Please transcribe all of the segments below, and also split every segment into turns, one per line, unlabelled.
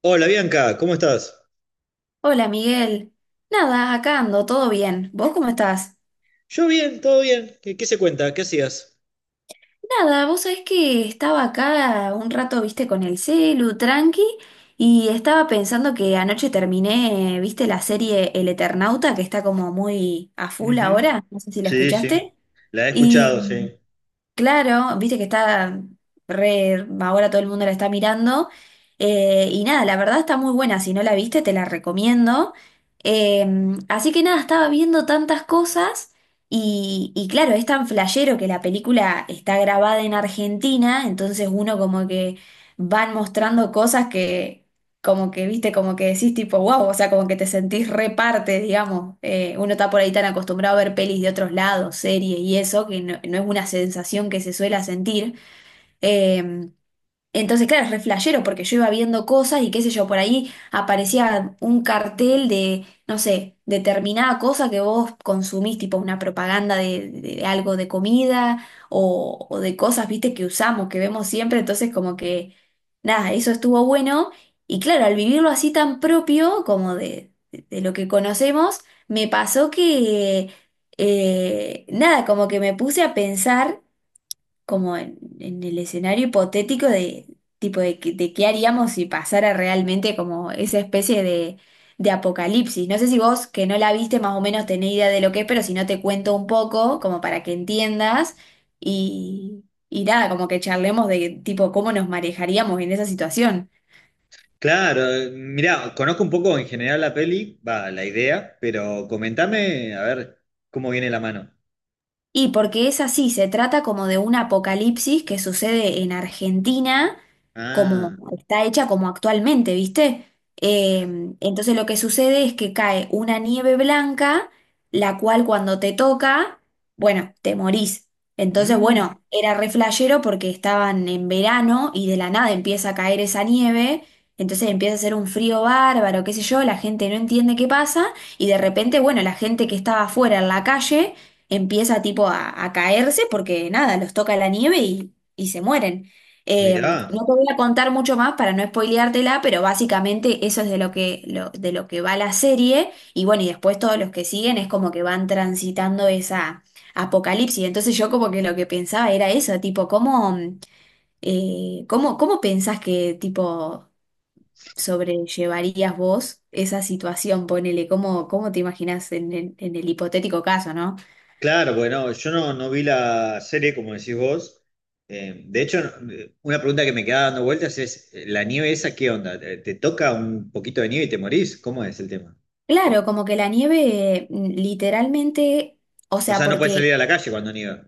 Hola Bianca, ¿cómo estás?
Hola Miguel. Nada, acá ando, todo bien. ¿Vos cómo estás?
Yo bien, todo bien. ¿Qué, qué se cuenta? ¿Qué hacías?
Nada, vos sabés que estaba acá un rato, viste, con el celu, tranqui, y estaba pensando que anoche terminé, viste, la serie El Eternauta, que está como muy a full
Ujú.
ahora, no sé si la
Sí, sí,
escuchaste,
la he
y
escuchado, sí.
Claro, viste que está re, ahora todo el mundo la está mirando. Y nada, la verdad está muy buena. Si no la viste, te la recomiendo. Eh, Así que nada, estaba viendo tantas cosas. Y claro, es tan flashero que la película está grabada en Argentina. Entonces uno como que van mostrando cosas que como que, viste, como que decís tipo, wow, o sea, como que te sentís reparte, digamos. Uno está por ahí tan acostumbrado a ver pelis de otros lados, series y eso, que no, no es una sensación que se suele sentir. Em, entonces, claro, es re flashero porque yo iba viendo cosas y qué sé yo, por ahí aparecía un cartel de, no sé, determinada cosa que vos consumís, tipo una propaganda de, algo de comida o de cosas, viste, que usamos, que vemos siempre. Entonces, como que, nada, eso estuvo bueno. Y claro, al vivirlo así tan propio como de, de lo que conocemos, me pasó que, nada, como que me puse a pensar como en el escenario hipotético de tipo de, de qué haríamos si pasara realmente como esa especie de apocalipsis. No sé si vos que no la viste más o menos tenés idea de lo que es, pero si no te cuento un poco como para que entiendas y nada, como que charlemos de tipo cómo nos manejaríamos en esa situación.
Claro, mirá, conozco un poco en general la peli, va, la idea, pero comentame a ver cómo viene la mano.
Y porque es así, se trata como de un apocalipsis que sucede en Argentina, como
Ah,
está hecha como actualmente, ¿viste? Eh, entonces lo que sucede es que cae una nieve blanca, la cual cuando te toca, bueno, te morís. Entonces,
mm,
bueno, era re flashero porque estaban en verano y de la nada empieza a caer esa nieve, entonces empieza a hacer un frío bárbaro, qué sé yo, la gente no entiende qué pasa y de repente, bueno, la gente que estaba afuera en la calle empieza tipo a caerse porque nada, los toca la nieve y se mueren. No
mirá,
te voy a contar mucho más para no spoileártela, pero básicamente eso es de lo que, de lo que va la serie y bueno, y después todos los que siguen es como que van transitando esa apocalipsis. Entonces yo como que lo que pensaba era eso, tipo, ¿ cómo pensás que tipo sobrellevarías vos esa situación? Ponele, ¿cómo te imaginás en, en el hipotético caso, ¿no?
claro, bueno, yo no, no vi la serie como decís vos. De hecho, una pregunta que me queda dando vueltas es, ¿la nieve esa qué onda? ¿Te, te toca un poquito de nieve y te morís? ¿Cómo es el tema?
Claro, como que la nieve literalmente, o
O
sea,
sea, no puedes
porque,
salir a la calle cuando nieva.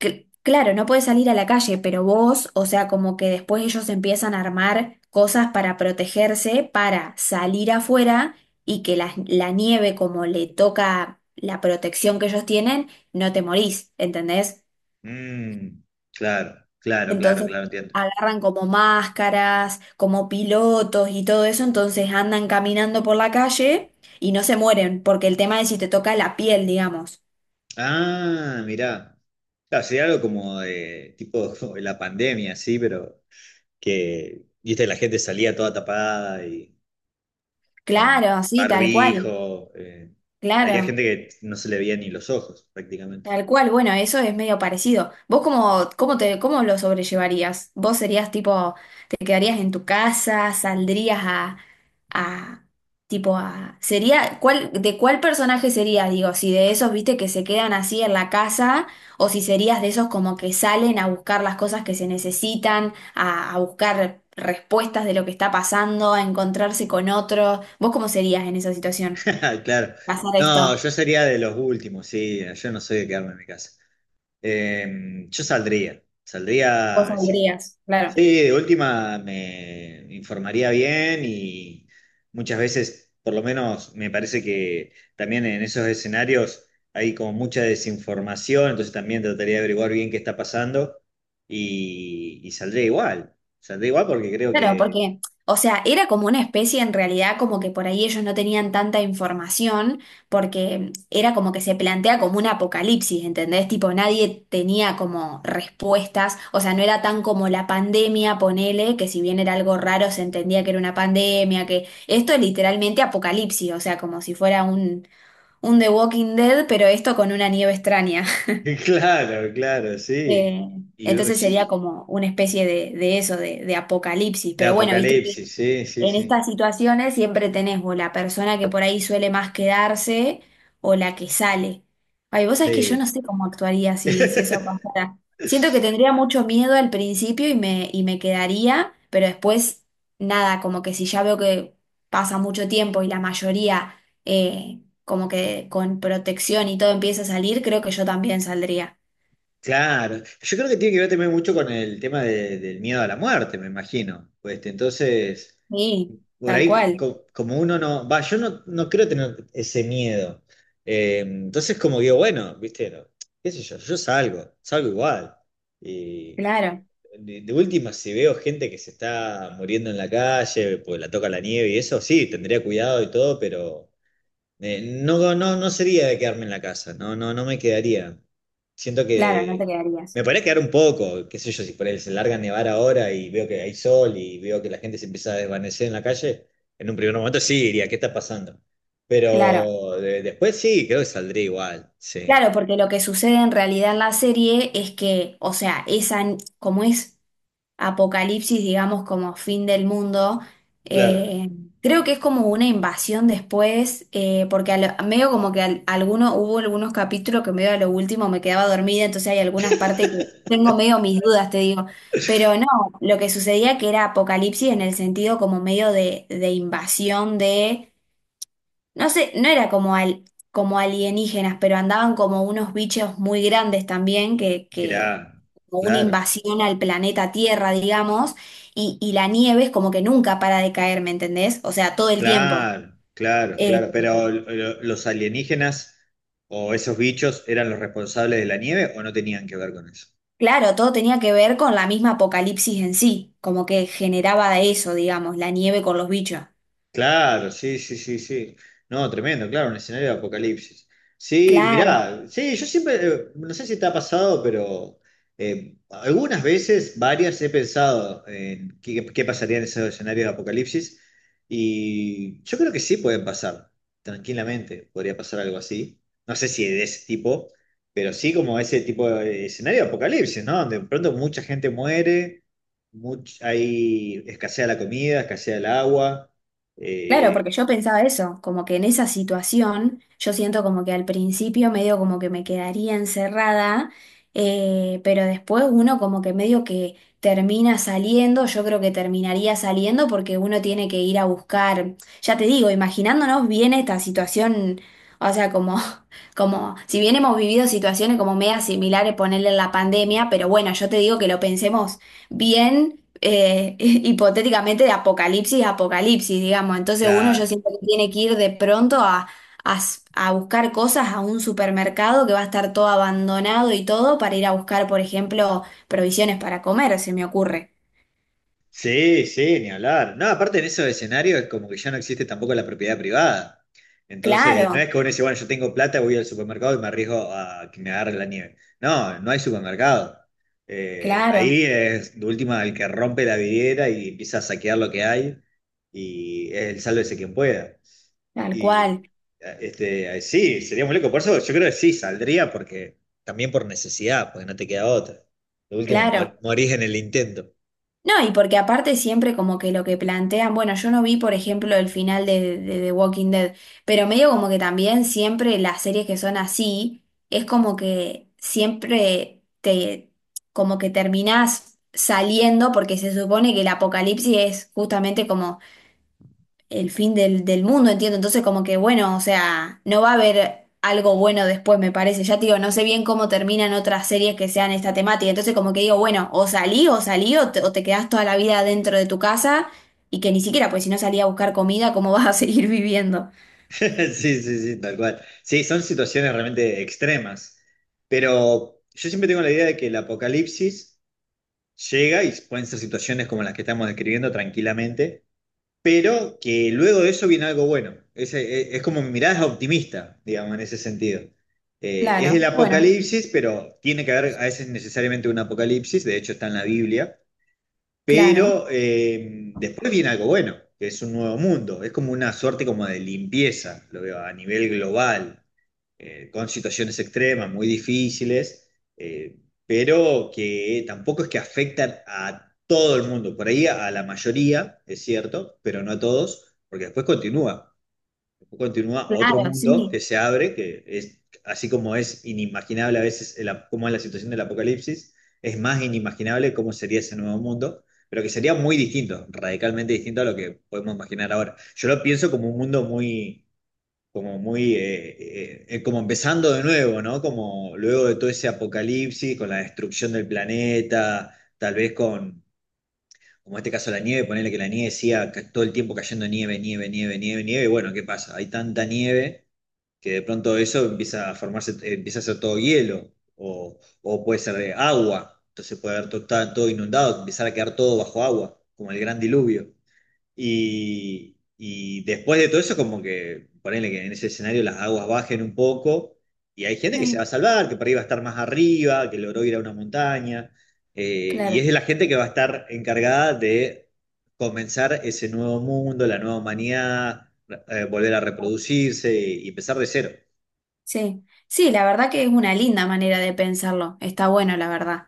claro, no puedes salir a la calle, pero vos, o sea, como que después ellos empiezan a armar cosas para protegerse, para salir afuera y que la nieve, como le toca la protección que ellos tienen, no te morís, ¿entendés?
Mm, claro, claro, claro,
Entonces
claro, entiendo.
agarran como máscaras, como pilotos y todo eso, entonces andan caminando por la calle y no se mueren, porque el tema es si te toca la piel, digamos.
Ah, mirá. Claro, sería algo como de tipo la pandemia, sí, pero que, viste, la gente salía toda tapada y con
Claro, sí, tal cual,
barbijo. Había
claro,
gente que no se le veía ni los ojos, prácticamente.
tal cual. Bueno, eso es medio parecido. ¿Vos cómo, cómo te, cómo lo sobrellevarías? ¿Vos serías tipo, te quedarías en tu casa, saldrías a, tipo a, sería, cuál, de cuál personaje serías? Digo, si de esos, viste, que se quedan así en la casa, o si serías de esos como que salen a buscar las cosas que se necesitan, a buscar respuestas de lo que está pasando, a encontrarse con otros. ¿Vos cómo serías en esa situación?
Claro.
Pasar
No,
esto.
yo sería de los últimos, sí. Yo no soy de quedarme en mi casa. Yo saldría.
Vos
Saldría, si
saldrías, claro.
sí, de última me informaría bien y muchas veces, por lo menos me parece que también en esos escenarios hay como mucha desinformación, entonces también trataría de averiguar bien qué está pasando y saldría igual, saldré igual porque creo
Claro,
que...
porque, o sea, era como una especie en realidad como que por ahí ellos no tenían tanta información, porque era como que se plantea como un apocalipsis, ¿entendés? Tipo, nadie tenía como respuestas, o sea, no era tan como la pandemia, ponele, que si bien era algo raro se entendía que era una pandemia, que esto es literalmente apocalipsis, o sea, como si fuera un The Walking Dead, pero esto con una nieve extraña.
Claro, claro, sí.
Eh,
Y
entonces
sí,
sería como una especie de eso, de apocalipsis.
de
Pero bueno, viste que
apocalipsis, sí, sí,
en
sí.
estas situaciones siempre tenés o la persona que por ahí suele más quedarse o la que sale. Ay, vos sabés que yo no
Sí.
sé cómo actuaría si, si eso pasara. Siento que tendría mucho miedo al principio y me quedaría, pero después nada, como que si ya veo que pasa mucho tiempo y la mayoría como que con protección y todo empieza a salir, creo que yo también saldría.
Claro, yo creo que tiene que ver también mucho con el tema de- del miedo a la muerte, me imagino. Pues, este, entonces,
Sí,
por
tal
ahí
cual,
co- como uno no, va, yo no, no creo tener ese miedo. Entonces como digo, bueno, viste, no, qué sé yo, yo salgo, salgo igual. Y
claro,
de última, si veo gente que se está muriendo en la calle, pues la toca la nieve y eso, sí, tendría cuidado y todo, pero... No, no, no sería de quedarme en la casa, no, no, no me quedaría. Siento
claro, no te
que
quedarías,
me podría quedar un poco, qué sé yo, si por ahí se larga a nevar ahora y veo que hay sol y veo que la gente se empieza a desvanecer en la calle, en un primer momento sí diría, ¿qué está pasando?
claro,
Pero de- después sí, creo que saldría igual, sí.
claro, porque lo que sucede en realidad en la serie es que, o sea, esa, como es apocalipsis, digamos, como fin del mundo,
Claro.
eh, creo que es como una invasión después, porque medio como que alguno, hubo algunos capítulos que medio a lo último me quedaba dormida, entonces hay algunas partes que tengo medio mis dudas, te digo, pero no, lo que sucedía que era apocalipsis en el sentido como medio de invasión de No sé, no era como, al, como alienígenas, pero andaban como unos bichos muy grandes también, que
Mirá,
como una
claro.
invasión al planeta Tierra, digamos, y la nieve es como que nunca para de caer, ¿me entendés? O sea, todo el tiempo.
Claro, claro,
Eh,
claro. Pero lo- ¿los alienígenas o esos bichos eran los responsables de la nieve o no tenían que ver con eso?
claro, todo tenía que ver con la misma apocalipsis en sí, como que generaba eso, digamos, la nieve con los bichos.
Claro, sí, sí, sí, sí. No, tremendo, claro, un escenario de apocalipsis. Sí,
Claro.
mirá, sí, yo siempre, no sé si te ha pasado, pero algunas veces, varias, he pensado en qué, qué pasaría en esos escenarios de apocalipsis y yo creo que sí pueden pasar, tranquilamente, podría pasar algo así. No sé si de ese tipo, pero sí como ese tipo de escenario de apocalipsis, ¿no? Donde de pronto mucha gente muere, much- hay escasea la comida, escasea el agua.
Claro,
Eh,
porque yo pensaba eso, como que en esa situación yo siento como que al principio medio como que me quedaría encerrada, pero después uno como que medio que termina saliendo, yo creo que terminaría saliendo porque uno tiene que ir a buscar, ya te digo, imaginándonos bien esta situación, o sea, como, como si bien hemos vivido situaciones como media similares, ponerle la pandemia, pero bueno, yo te digo que lo pensemos bien hipotéticamente de apocalipsis a apocalipsis, digamos. Entonces uno yo
claro.
siento que tiene que ir de pronto a, a buscar cosas a un supermercado que va a estar todo abandonado y todo para ir a buscar, por ejemplo, provisiones para comer, se me ocurre.
Sí, sí, ni hablar. No, aparte en esos escenarios es como que ya no existe tampoco la propiedad privada. Entonces, no es
Claro,
que uno dice, bueno, yo tengo plata, voy al supermercado y me arriesgo a que me agarre la nieve. No, no hay supermercado.
claro,
Ahí es de última el que rompe la vidriera y empieza a saquear lo que hay y es el sálvese quien pueda.
tal cual,
Y este, sí, sería muy loco. Por eso yo creo que sí, saldría porque también por necesidad, porque no te queda otra. Lo último,
claro.
mor- morís en el intento.
No, y porque aparte siempre como que lo que plantean, bueno, yo no vi por ejemplo el final de The Walking Dead, pero medio como que también siempre las series que son así, es como que siempre te, como que terminás saliendo porque se supone que el apocalipsis es justamente como el fin del, del mundo, entiendo. Entonces, como que bueno, o sea, no va a haber algo bueno después, me parece. Ya te digo, no sé bien cómo terminan otras series que sean esta temática. Entonces, como que digo, bueno, o salí, o salí, o te quedás toda la vida dentro de tu casa y que ni siquiera, pues si no salí a buscar comida, ¿cómo vas a seguir viviendo?
Sí, sí, sí, tal cual. Sí, son situaciones realmente extremas. Pero yo siempre tengo la idea de que el apocalipsis llega y pueden ser situaciones como las que estamos describiendo tranquilamente, pero que luego de eso viene algo bueno. Es como mi mirada es optimista, digamos, en ese sentido. Es el
Claro, bueno,
apocalipsis, pero tiene que haber a veces necesariamente un apocalipsis, de hecho está en la Biblia,
claro,
pero después viene algo bueno, que es un nuevo mundo, es como una suerte como de limpieza, lo veo a nivel global con situaciones extremas, muy difíciles, eh, pero que tampoco es que afectan a todo el mundo, por ahí a, la mayoría, es cierto, pero no a todos, porque después continúa otro
claro,
mundo que
sí,
se abre, que es así como es inimaginable a veces el ap- cómo es la situación del apocalipsis, es más inimaginable cómo sería ese nuevo mundo. Pero que sería muy distinto, radicalmente distinto a lo que podemos imaginar ahora. Yo lo pienso como un mundo muy, como empezando de nuevo, ¿no? Como luego de todo ese apocalipsis, con la destrucción del planeta, tal vez con, como en este caso la nieve, ponerle que la nieve siga ca- todo el tiempo cayendo nieve, nieve, nieve, nieve, nieve, y bueno, ¿qué pasa? Hay tanta nieve que de pronto eso empieza a formarse, empieza a ser todo hielo, o puede ser de agua, entonces puede haber todo, está todo inundado, empezar a quedar todo bajo agua, como el gran diluvio. Y después de todo eso, como que ponele que en ese escenario las aguas bajen un poco y hay gente que se va a
sí,
salvar, que por ahí va a estar más arriba, que logró ir a una montaña. Y es
claro,
de la gente que va a estar encargada de comenzar ese nuevo mundo, la nueva humanidad, volver a reproducirse y empezar de cero.
sí. Sí, la verdad que es una linda manera de pensarlo. Está bueno, la verdad.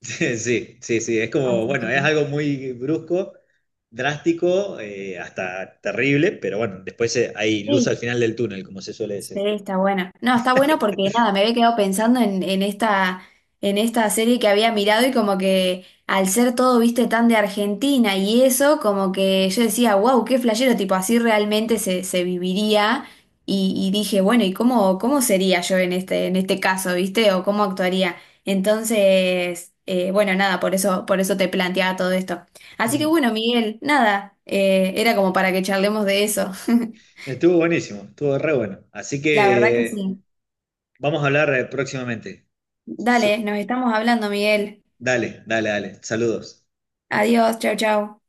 Sí, sí, sí, es como,
Así
bueno,
que,
es algo muy brusco, drástico, hasta terrible, pero bueno, después hay luz al
sí,
final del túnel, como se suele
sí,
decir.
está bueno. No, está bueno porque nada, me había quedado pensando en esta serie que había mirado y como que al ser todo, viste, tan de Argentina y eso, como que yo decía, wow, qué flashero, tipo, así realmente se, se viviría. Y dije, bueno, ¿y cómo, cómo sería yo en este caso, viste? ¿O cómo actuaría? Entonces, bueno, nada, por eso te planteaba todo esto. Así que
Mm.
bueno, Miguel, nada, era como para que charlemos de eso.
Estuvo buenísimo, estuvo re bueno. Así
La verdad que
que
sí.
vamos a hablar próximamente. Su-
Dale, nos estamos hablando, Miguel.
dale, dale, dale. Saludos.
Adiós, chao, chao.